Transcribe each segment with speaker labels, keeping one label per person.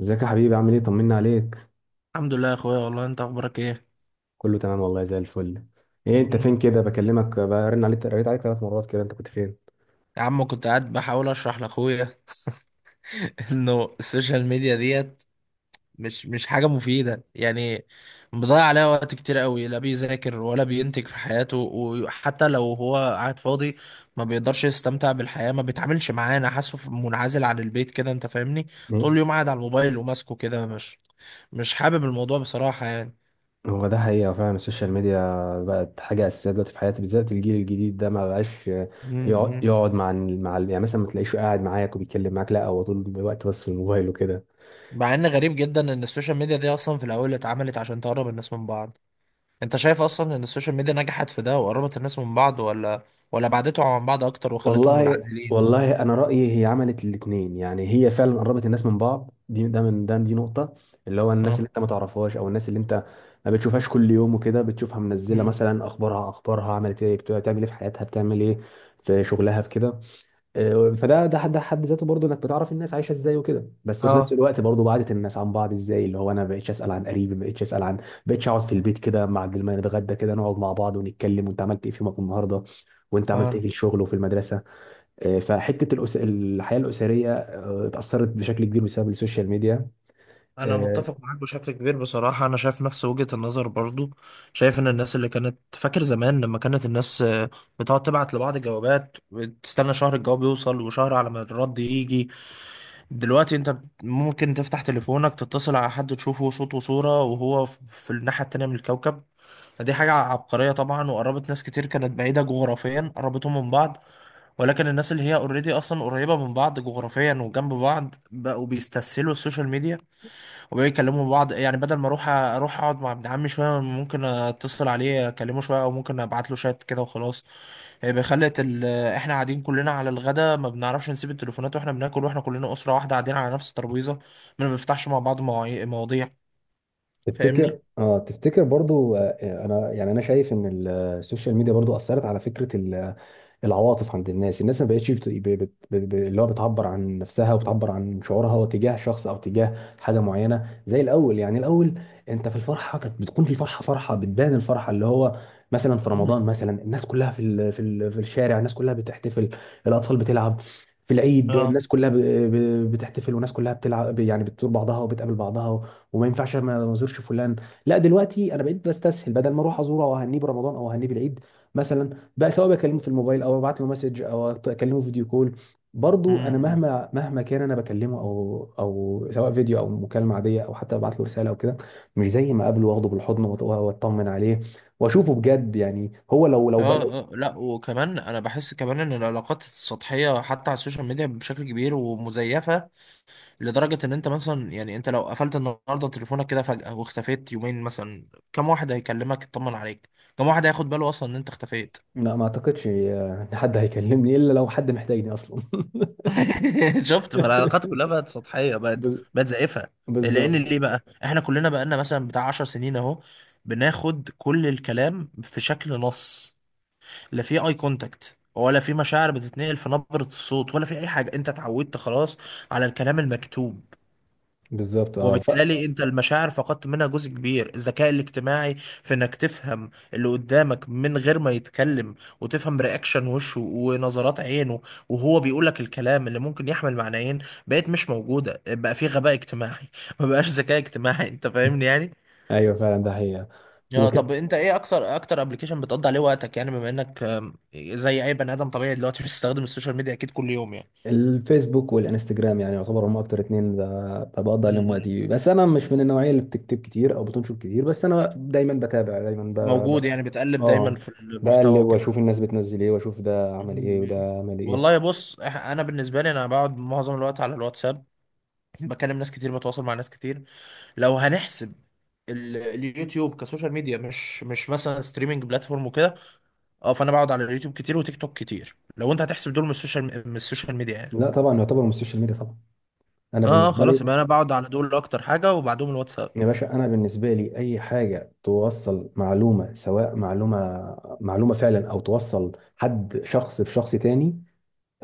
Speaker 1: ازيك يا حبيبي؟ عامل ايه؟ طمنا عليك.
Speaker 2: الحمد لله يا اخويا، والله انت اخبارك ايه؟
Speaker 1: كله تمام والله، زي الفل. ايه انت
Speaker 2: مم.
Speaker 1: فين كده؟ بكلمك، برن عليك، قريت عليك ثلاث مرات كده، انت كنت فين؟
Speaker 2: يا عم كنت قاعد بحاول اشرح لاخويا انه السوشيال ميديا ديت مش حاجه مفيده، يعني مضيع عليها وقت كتير قوي، لا بيذاكر ولا بينتج في حياته، وحتى لو هو قاعد فاضي ما بيقدرش يستمتع بالحياه، ما بيتعاملش معانا، حاسه منعزل عن البيت كده، انت فاهمني؟ طول
Speaker 1: ايه
Speaker 2: اليوم قاعد على الموبايل وماسكه كده، مش حابب الموضوع بصراحه يعني.
Speaker 1: هو ده حقيقة فعلا. السوشيال ميديا بقت حاجة أساسية دلوقتي في حياتي، بالذات الجيل الجديد ده ما بقاش
Speaker 2: مم.
Speaker 1: يقعد
Speaker 2: مم.
Speaker 1: يقعد مع يعني مثلا ما تلاقيش قاعد معاك وبيتكلم معاك، لا هو طول الوقت بس في الموبايل وكده.
Speaker 2: مع ان غريب جدا ان السوشيال ميديا دي اصلا في الاول اتعملت عشان تقرب الناس من بعض. انت شايف اصلا ان السوشيال ميديا نجحت في ده وقربت الناس من بعض، ولا بعدتهم عن بعض اكتر وخلتهم
Speaker 1: والله
Speaker 2: منعزلين و...
Speaker 1: والله انا رايي هي عملت الاثنين. يعني هي فعلا قربت الناس من بعض، دي ده من ده دي نقطه، اللي هو الناس اللي
Speaker 2: اه.
Speaker 1: انت ما تعرفهاش او الناس اللي انت ما بتشوفهاش كل يوم وكده، بتشوفها منزله
Speaker 2: مم.
Speaker 1: مثلا اخبارها عملت ايه، بتعمل ايه في حياتها، بتعمل ايه في شغلها، في كده. فده ده حد ذاته برضه، انك بتعرف الناس عايشه ازاي وكده. بس في نفس
Speaker 2: اه
Speaker 1: الوقت برضه بعدت الناس عن بعض، ازاي؟ اللي هو انا ما بقتش اسال عن قريبي، ما بقتش اسال عن، ما بقتش اقعد في البيت كده، مع ما نتغدى كده نقعد مع بعض ونتكلم وانت عملت ايه في يومك النهارده وانت عملت ايه
Speaker 2: اه،
Speaker 1: في الشغل وفي المدرسه. فحته الحياه الاسريه اتاثرت بشكل كبير بسبب السوشيال ميديا.
Speaker 2: انا
Speaker 1: آه،
Speaker 2: متفق معاك بشكل كبير بصراحه، انا شايف نفس وجهه النظر برضو. شايف ان الناس اللي كانت، فاكر زمان لما كانت الناس بتقعد تبعت لبعض جوابات وتستنى شهر الجواب يوصل وشهر على ما الرد يجي. دلوقتي انت ممكن تفتح تليفونك تتصل على حد تشوفه صوت وصوره وهو في الناحيه التانيه من الكوكب. دي حاجة عبقرية طبعا، وقربت ناس كتير كانت بعيدة جغرافيا، قربتهم من بعض. ولكن الناس اللي هي اوريدي أصلا قريبة من بعض جغرافيا وجنب بعض بقوا بيستسهلوا السوشيال ميديا، وبقوا يكلموا بعض. يعني بدل ما أروح أقعد مع ابن عمي شوية، ممكن أتصل عليه أكلمه شوية، أو ممكن أبعت له شات كده وخلاص. هيبقى خلت إحنا قاعدين كلنا على الغدا ما بنعرفش نسيب التليفونات وإحنا بناكل، وإحنا كلنا أسرة واحدة قاعدين على نفس الترابيزة، ما بنفتحش مع بعض مواضيع.
Speaker 1: تفتكر
Speaker 2: فاهمني؟
Speaker 1: تفتكر برضو؟ انا يعني انا شايف ان السوشيال ميديا برضو اثرت على فكره العواطف عند الناس. الناس ما بقتش اللي هو بتعبر عن نفسها وبتعبر عن شعورها تجاه شخص او تجاه حاجه معينه زي الاول. يعني الاول انت في الفرحه كانت بتكون في الفرحه، فرحه بتبان، الفرحه اللي هو مثلا في
Speaker 2: مم.
Speaker 1: رمضان مثلا، الناس كلها في في الشارع، الناس كلها بتحتفل، الاطفال بتلعب. في العيد
Speaker 2: اه.
Speaker 1: الناس كلها بتحتفل والناس كلها بتلعب، يعني بتزور بعضها وبتقابل بعضها. وما ينفعش ما ازورش فلان. لا دلوقتي انا بقيت بستسهل، بدل ما اروح ازوره او اهنيه برمضان او اهنيه بالعيد مثلا، بقى سواء بكلمه في الموبايل او ببعت له مسج او اكلمه فيديو كول. برضو انا
Speaker 2: مم.
Speaker 1: مهما كان انا بكلمه او سواء فيديو او مكالمه عاديه او حتى ببعت له رساله او كده، مش زي ما اقابله واخده بالحضن واطمن عليه واشوفه بجد. يعني هو لو لو بقى
Speaker 2: اه
Speaker 1: لو
Speaker 2: اه، لا وكمان انا بحس كمان ان العلاقات السطحيه حتى على السوشيال ميديا بشكل كبير ومزيفه، لدرجه ان انت مثلا، يعني انت لو قفلت النهارده تليفونك كده فجاه واختفيت يومين مثلا، كم واحد هيكلمك يطمن عليك؟ كم واحد هياخد باله اصلا ان انت اختفيت؟
Speaker 1: لا ما اعتقدش ان حد هيكلمني الا لو حد محتاجني اصلا.
Speaker 2: شفت؟ فالعلاقات كلها بقت سطحيه، بقت
Speaker 1: بز-
Speaker 2: بقت زائفه. لان
Speaker 1: بالظبط.
Speaker 2: ليه بقى؟ احنا كلنا بقالنا مثلا بتاع 10 سنين اهو بناخد كل الكلام في شكل نص، لا في اي كونتاكت، ولا في مشاعر بتتنقل في نبرة الصوت، ولا في اي حاجة. انت اتعودت خلاص على الكلام المكتوب،
Speaker 1: بالظبط اه ف...
Speaker 2: وبالتالي انت المشاعر فقدت منها جزء كبير. الذكاء الاجتماعي في انك تفهم اللي قدامك من غير ما يتكلم، وتفهم رياكشن وشه ونظرات عينه وهو بيقول لك الكلام اللي ممكن يحمل معنيين، بقت مش موجودة. بقى في غباء اجتماعي ما بقاش ذكاء اجتماعي، انت فاهمني يعني.
Speaker 1: ايوه فعلا ده حقيقه.
Speaker 2: اه. طب
Speaker 1: وك...
Speaker 2: انت ايه اكتر ابلكيشن بتقضي عليه وقتك؟ يعني بما انك زي اي بني ادم طبيعي دلوقتي بتستخدم السوشيال ميديا اكيد كل يوم يعني.
Speaker 1: الفيسبوك والانستجرام يعني يعتبر هم اكتر اتنين بقضي
Speaker 2: م-
Speaker 1: عليهم
Speaker 2: م.
Speaker 1: وقتي، بس انا مش من النوعيه اللي بتكتب كتير او بتنشر كتير، بس انا دايما بتابع دايما. ب... ب...
Speaker 2: موجود يعني، بتقلب دايما
Speaker 1: اه،
Speaker 2: في المحتوى
Speaker 1: بقلب
Speaker 2: وكده.
Speaker 1: واشوف الناس بتنزل ايه واشوف ده
Speaker 2: م-
Speaker 1: عمل ايه
Speaker 2: م.
Speaker 1: وده عمل
Speaker 2: والله
Speaker 1: ايه.
Speaker 2: بص، انا بالنسبه لي انا بقعد معظم الوقت على الواتساب، بكلم ناس كتير، بتواصل مع ناس كتير. لو هنحسب اليوتيوب كسوشيال ميديا، مش مثلا ستريمنج بلاتفورم وكده، اه، فانا بقعد على اليوتيوب كتير وتيك توك كتير لو انت هتحسب دول من السوشيال من السوشيال ميديا يعني.
Speaker 1: لا طبعا يعتبر من السوشيال ميديا طبعا. انا
Speaker 2: اه،
Speaker 1: بالنسبه
Speaker 2: خلاص يبقى
Speaker 1: لي،
Speaker 2: انا بقعد على دول اكتر حاجه وبعدهم الواتساب.
Speaker 1: يا باشا، انا بالنسبه لي اي حاجه توصل معلومه، سواء معلومه فعلا او توصل حد شخص بشخص تاني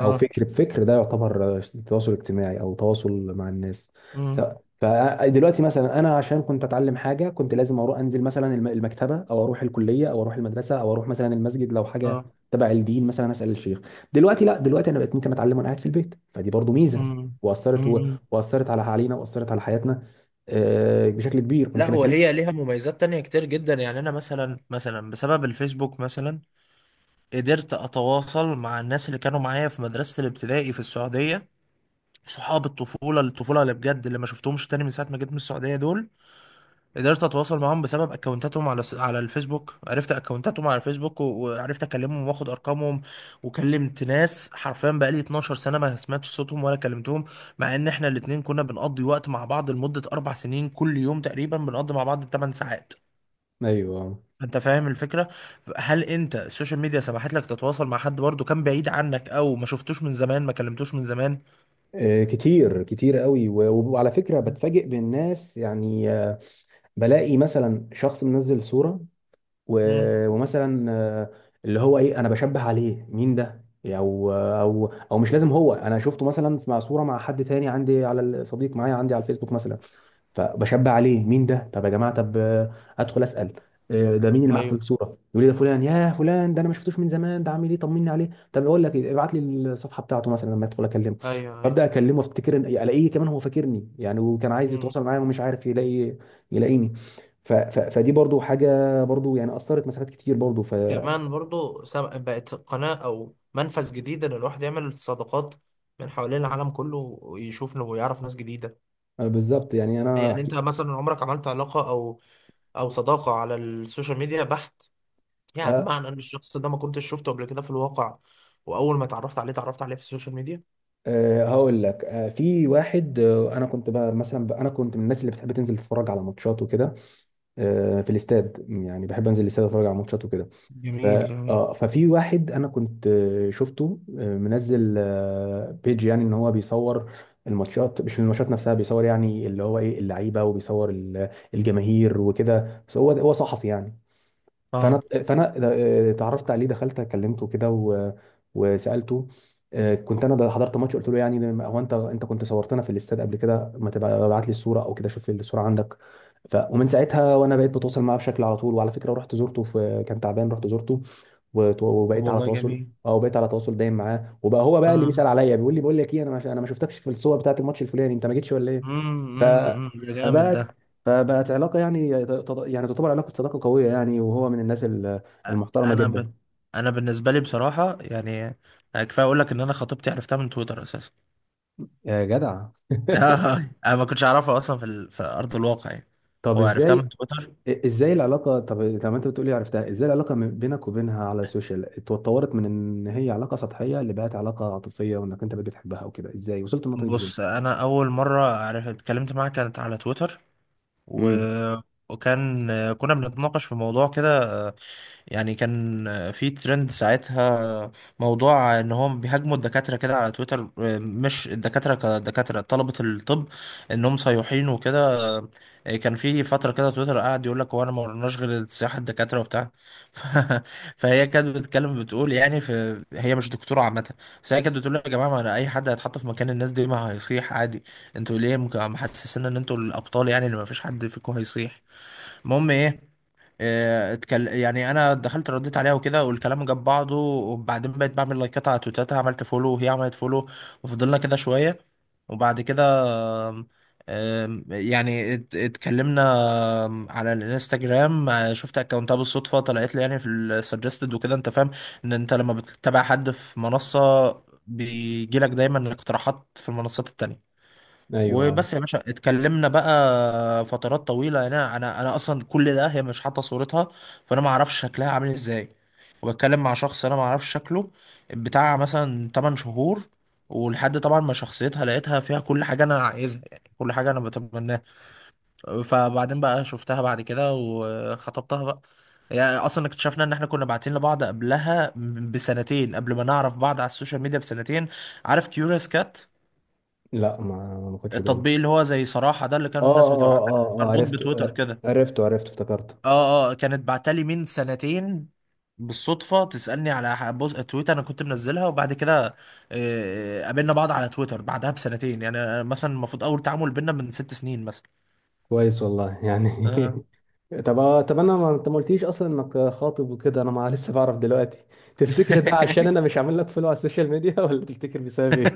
Speaker 1: او فكر بفكر، ده يعتبر تواصل اجتماعي او تواصل مع الناس. س-
Speaker 2: امم.
Speaker 1: فدلوقتي مثلا انا عشان كنت اتعلم حاجه كنت لازم اروح انزل مثلا المكتبه او اروح الكليه او اروح المدرسه او اروح مثلا المسجد لو حاجه
Speaker 2: اه.
Speaker 1: تبع الدين مثلا اسال الشيخ. دلوقتي لا، دلوقتي انا بقيت ممكن اتعلم وانا قاعد في البيت، فدي برضو ميزه
Speaker 2: امم.
Speaker 1: واثرت و...
Speaker 2: امم.
Speaker 1: واثرت على علينا، واثرت على حياتنا بشكل كبير.
Speaker 2: لا،
Speaker 1: ممكن اكلم.
Speaker 2: وهي ليها مميزات تانية كتير جدا. يعني انا مثلا، بسبب الفيسبوك مثلا قدرت اتواصل مع الناس اللي كانوا معايا في مدرسة الابتدائي في السعودية، صحاب الطفولة، اللي بجد اللي ما شفتهمش تاني من ساعة ما جيت من السعودية، دول قدرت اتواصل معاهم بسبب اكونتاتهم على على الفيسبوك، عرفت اكونتاتهم على الفيسبوك وعرفت اكلمهم واخد ارقامهم. وكلمت ناس حرفيا بقالي 12 سنه ما سمعتش صوتهم ولا كلمتهم، مع ان احنا الاتنين كنا بنقضي وقت مع بعض لمده 4 سنين، كل يوم تقريبا بنقضي مع بعض 8 ساعات.
Speaker 1: ايوه.
Speaker 2: انت فاهم الفكره؟ هل انت السوشيال ميديا سمحت لك تتواصل مع حد برضه كان بعيد عنك او ما شفتوش من زمان ما كلمتوش من زمان؟
Speaker 1: كتير كتير قوي، وعلى فكره بتفاجئ بالناس يعني. بلاقي مثلا شخص منزل صورة و...
Speaker 2: امم.
Speaker 1: ومثلا اللي هو ايه، انا بشبه عليه مين ده، او مش لازم هو، انا شفته مثلا مع صورة مع حد تاني عندي على الصديق معايا عندي على الفيسبوك مثلا، فبشبع عليه مين ده. طب يا جماعه، طب ادخل اسال ده مين اللي معاك في
Speaker 2: ايوه
Speaker 1: الصوره، يقول لي ده فلان يا فلان، ده انا ما شفتوش من زمان، ده عامل ايه، طمني عليه. طب اقول لك إيه، ابعت لي الصفحه بتاعته مثلا لما ادخل اكلمه،
Speaker 2: ايوه
Speaker 1: فابدا اكلمه افتكر الاقيه كمان هو فاكرني يعني وكان عايز
Speaker 2: ايوه.
Speaker 1: يتواصل معايا ومش عارف يلاقيني. فدي برضو حاجه برضو، يعني اثرت مسافات كتير برضو. ف
Speaker 2: كمان برضو، بقت قناة أو منفذ جديد إن الواحد يعمل صداقات من حوالين العالم كله، ويشوف إنه يعرف ناس جديدة.
Speaker 1: بالظبط، يعني انا
Speaker 2: يعني
Speaker 1: هحكي.
Speaker 2: أنت مثلا عمرك عملت علاقة أو صداقة على السوشيال ميديا بحت، يعني
Speaker 1: ه-
Speaker 2: بمعنى إن الشخص ده ما كنتش شفته قبل كده في الواقع، وأول ما اتعرفت عليه في السوشيال ميديا؟
Speaker 1: هقول لك في واحد، انا كنت بقى مثلا انا كنت من الناس اللي بتحب تنزل تتفرج على ماتشات وكده، في الاستاد، يعني بحب انزل الاستاد اتفرج على ماتشات وكده. ف...
Speaker 2: جميل جميل.
Speaker 1: آه، ففي واحد انا كنت شفته منزل بيج، يعني ان هو بيصور الماتشات، مش الماتشات نفسها، بيصور يعني اللي هو ايه اللعيبه وبيصور الجماهير وكده، بس هو صحفي يعني.
Speaker 2: اه.
Speaker 1: فانا اتعرفت عليه، دخلت كلمته كده وسالته. كنت انا ده حضرت ماتش، قلت له يعني هو انت كنت صورتنا في الاستاد قبل كده، ما تبقى ابعت لي الصوره او كده، شوف الصوره عندك. ومن ساعتها وانا بقيت بتواصل معاه بشكل على طول. وعلى فكره رحت زرته في كان تعبان، رحت زرته
Speaker 2: طب
Speaker 1: وبقيت على
Speaker 2: والله
Speaker 1: تواصل.
Speaker 2: جميل.
Speaker 1: اه بقيت على تواصل دايم معاه، وبقى هو بقى اللي
Speaker 2: اه.
Speaker 1: بيسال عليا، بيقول لي بقول لك ايه، انا ما شفتكش في الصور بتاعت الماتش الفلاني، انت ما جيتش ولا ايه.
Speaker 2: امم.
Speaker 1: ف...
Speaker 2: امم. ده جامد ده.
Speaker 1: فبقى فبقت علاقه يعني، يعني تعتبر علاقه صداقه قويه يعني، وهو من الناس المحترمه
Speaker 2: انا ب...
Speaker 1: جدا.
Speaker 2: انا بالنسبه لي بصراحه، يعني يعني كفايه اقول لك ان انا خطيبتي عرفتها من تويتر اساسا.
Speaker 1: يا جدع
Speaker 2: آه، انا ما كنتش اعرفها اصلا في ارض الواقع يعني،
Speaker 1: طب
Speaker 2: وعرفتها
Speaker 1: ازاي؟
Speaker 2: من تويتر.
Speaker 1: ازاي العلاقه؟ طب انت بتقولي عرفتها، ازاي العلاقه بينك وبينها على السوشيال اتطورت من ان هي علاقه سطحيه اللي بقت علاقه عاطفيه، وانك انت بقيت بتحبها وكده؟ ازاي وصلت النقطه دي؟ ازاي؟
Speaker 2: بص، انا اول مره عرفت اتكلمت معاها كانت على تويتر و...
Speaker 1: امم.
Speaker 2: وكان كنا بنتناقش في موضوع كده، يعني كان في ترند ساعتها، موضوع ان هم بيهاجموا الدكاترة كده على تويتر، مش الدكاترة كدكاترة، طلبة الطب انهم صيحين وكده. كان في فترة كده تويتر قاعد يقول لك، هو انا ما ورناش غير السياحة الدكاترة وبتاع ف... فهي كانت بتتكلم بتقول يعني، في... هي مش دكتورة عامة، بس هي كانت بتقول يا جماعة، ما انا اي حد هيتحط في مكان الناس دي ما هيصيح عادي. انتوا ليه محسسين ان انتوا الابطال يعني، اللي ما فيش حد فيكم هيصيح؟ المهم ايه. اه، يعني انا دخلت رديت عليها وكده والكلام جاب بعضه. وبعدين بقيت بعمل لايكات على تويتاتها، عملت فولو وهي عملت فولو، وفضلنا كده شويه. وبعد كده ام، ام، يعني اتكلمنا على الانستجرام. اه، شفت اكونتها بالصدفه، طلعت لي يعني في السجستد وكده. انت فاهم ان انت لما بتتابع حد في منصه بيجيلك دايما اقتراحات في المنصات التانية.
Speaker 1: ايوه.
Speaker 2: وبس يا باشا، اتكلمنا بقى فترات طويلة، يعني انا اصلا كل ده هي مش حاطة صورتها، فانا ما اعرفش شكلها عامل ازاي، وبتكلم مع شخص انا ما اعرفش شكله بتاع مثلا 8 شهور. ولحد طبعا ما شخصيتها لقيتها فيها كل حاجة انا عايزها، يعني كل حاجة انا بتمناها. فبعدين بقى شفتها بعد كده وخطبتها بقى. يعني اصلا اكتشفنا ان احنا كنا باعتين لبعض قبلها بسنتين، قبل ما نعرف بعض على السوشيال ميديا بسنتين. عارف كيوريوس كات،
Speaker 1: لا ما خدش بالي.
Speaker 2: التطبيق اللي هو زي صراحة ده اللي كان
Speaker 1: اه
Speaker 2: الناس
Speaker 1: اه
Speaker 2: بتبعت،
Speaker 1: اه اه
Speaker 2: مربوط
Speaker 1: عرفته،
Speaker 2: بتويتر
Speaker 1: آه،
Speaker 2: كده؟
Speaker 1: عرفته عرفته افتكرته.
Speaker 2: اه اه، كانت بعتلي من سنتين بالصدفة تسألني على بوز تويتر انا كنت منزلها. وبعد كده قابلنا بعض على تويتر بعدها بسنتين، يعني أنا مثلا المفروض اول تعامل بينا من 6 سنين مثلا.
Speaker 1: كويس والله يعني.
Speaker 2: آه.
Speaker 1: طب طب انا ما انت ما قلتليش اصلا انك خاطب وكده، انا ما لسه بعرف دلوقتي. تفتكر ده عشان انا مش عامل لك فولو على السوشيال ميديا ولا تفتكر بسبب ايه؟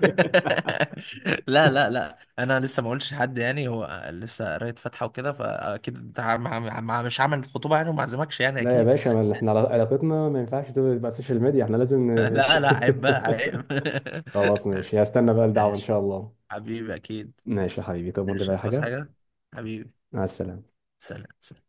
Speaker 2: لا لا لا، انا لسه ما قلتش لحد يعني، هو لسه قرايه فاتحه وكده فاكيد انت مش هعمل خطوبه يعني وما اعزمكش يعني
Speaker 1: لا يا
Speaker 2: اكيد.
Speaker 1: باشا، ما احنا علاقتنا ما ينفعش تبقى على السوشيال ميديا، احنا لازم
Speaker 2: لا لا عيب بقى عيب.
Speaker 1: خلاص ماشي، هستنى بقى الدعوة ان
Speaker 2: ماشي
Speaker 1: شاء الله.
Speaker 2: حبيبي أكيد.
Speaker 1: ماشي يا حبيبي، تؤمرني
Speaker 2: ماشي
Speaker 1: بأي
Speaker 2: هتعوز
Speaker 1: حاجة.
Speaker 2: حاجة حبيبي؟
Speaker 1: مع السلامة.
Speaker 2: سلام.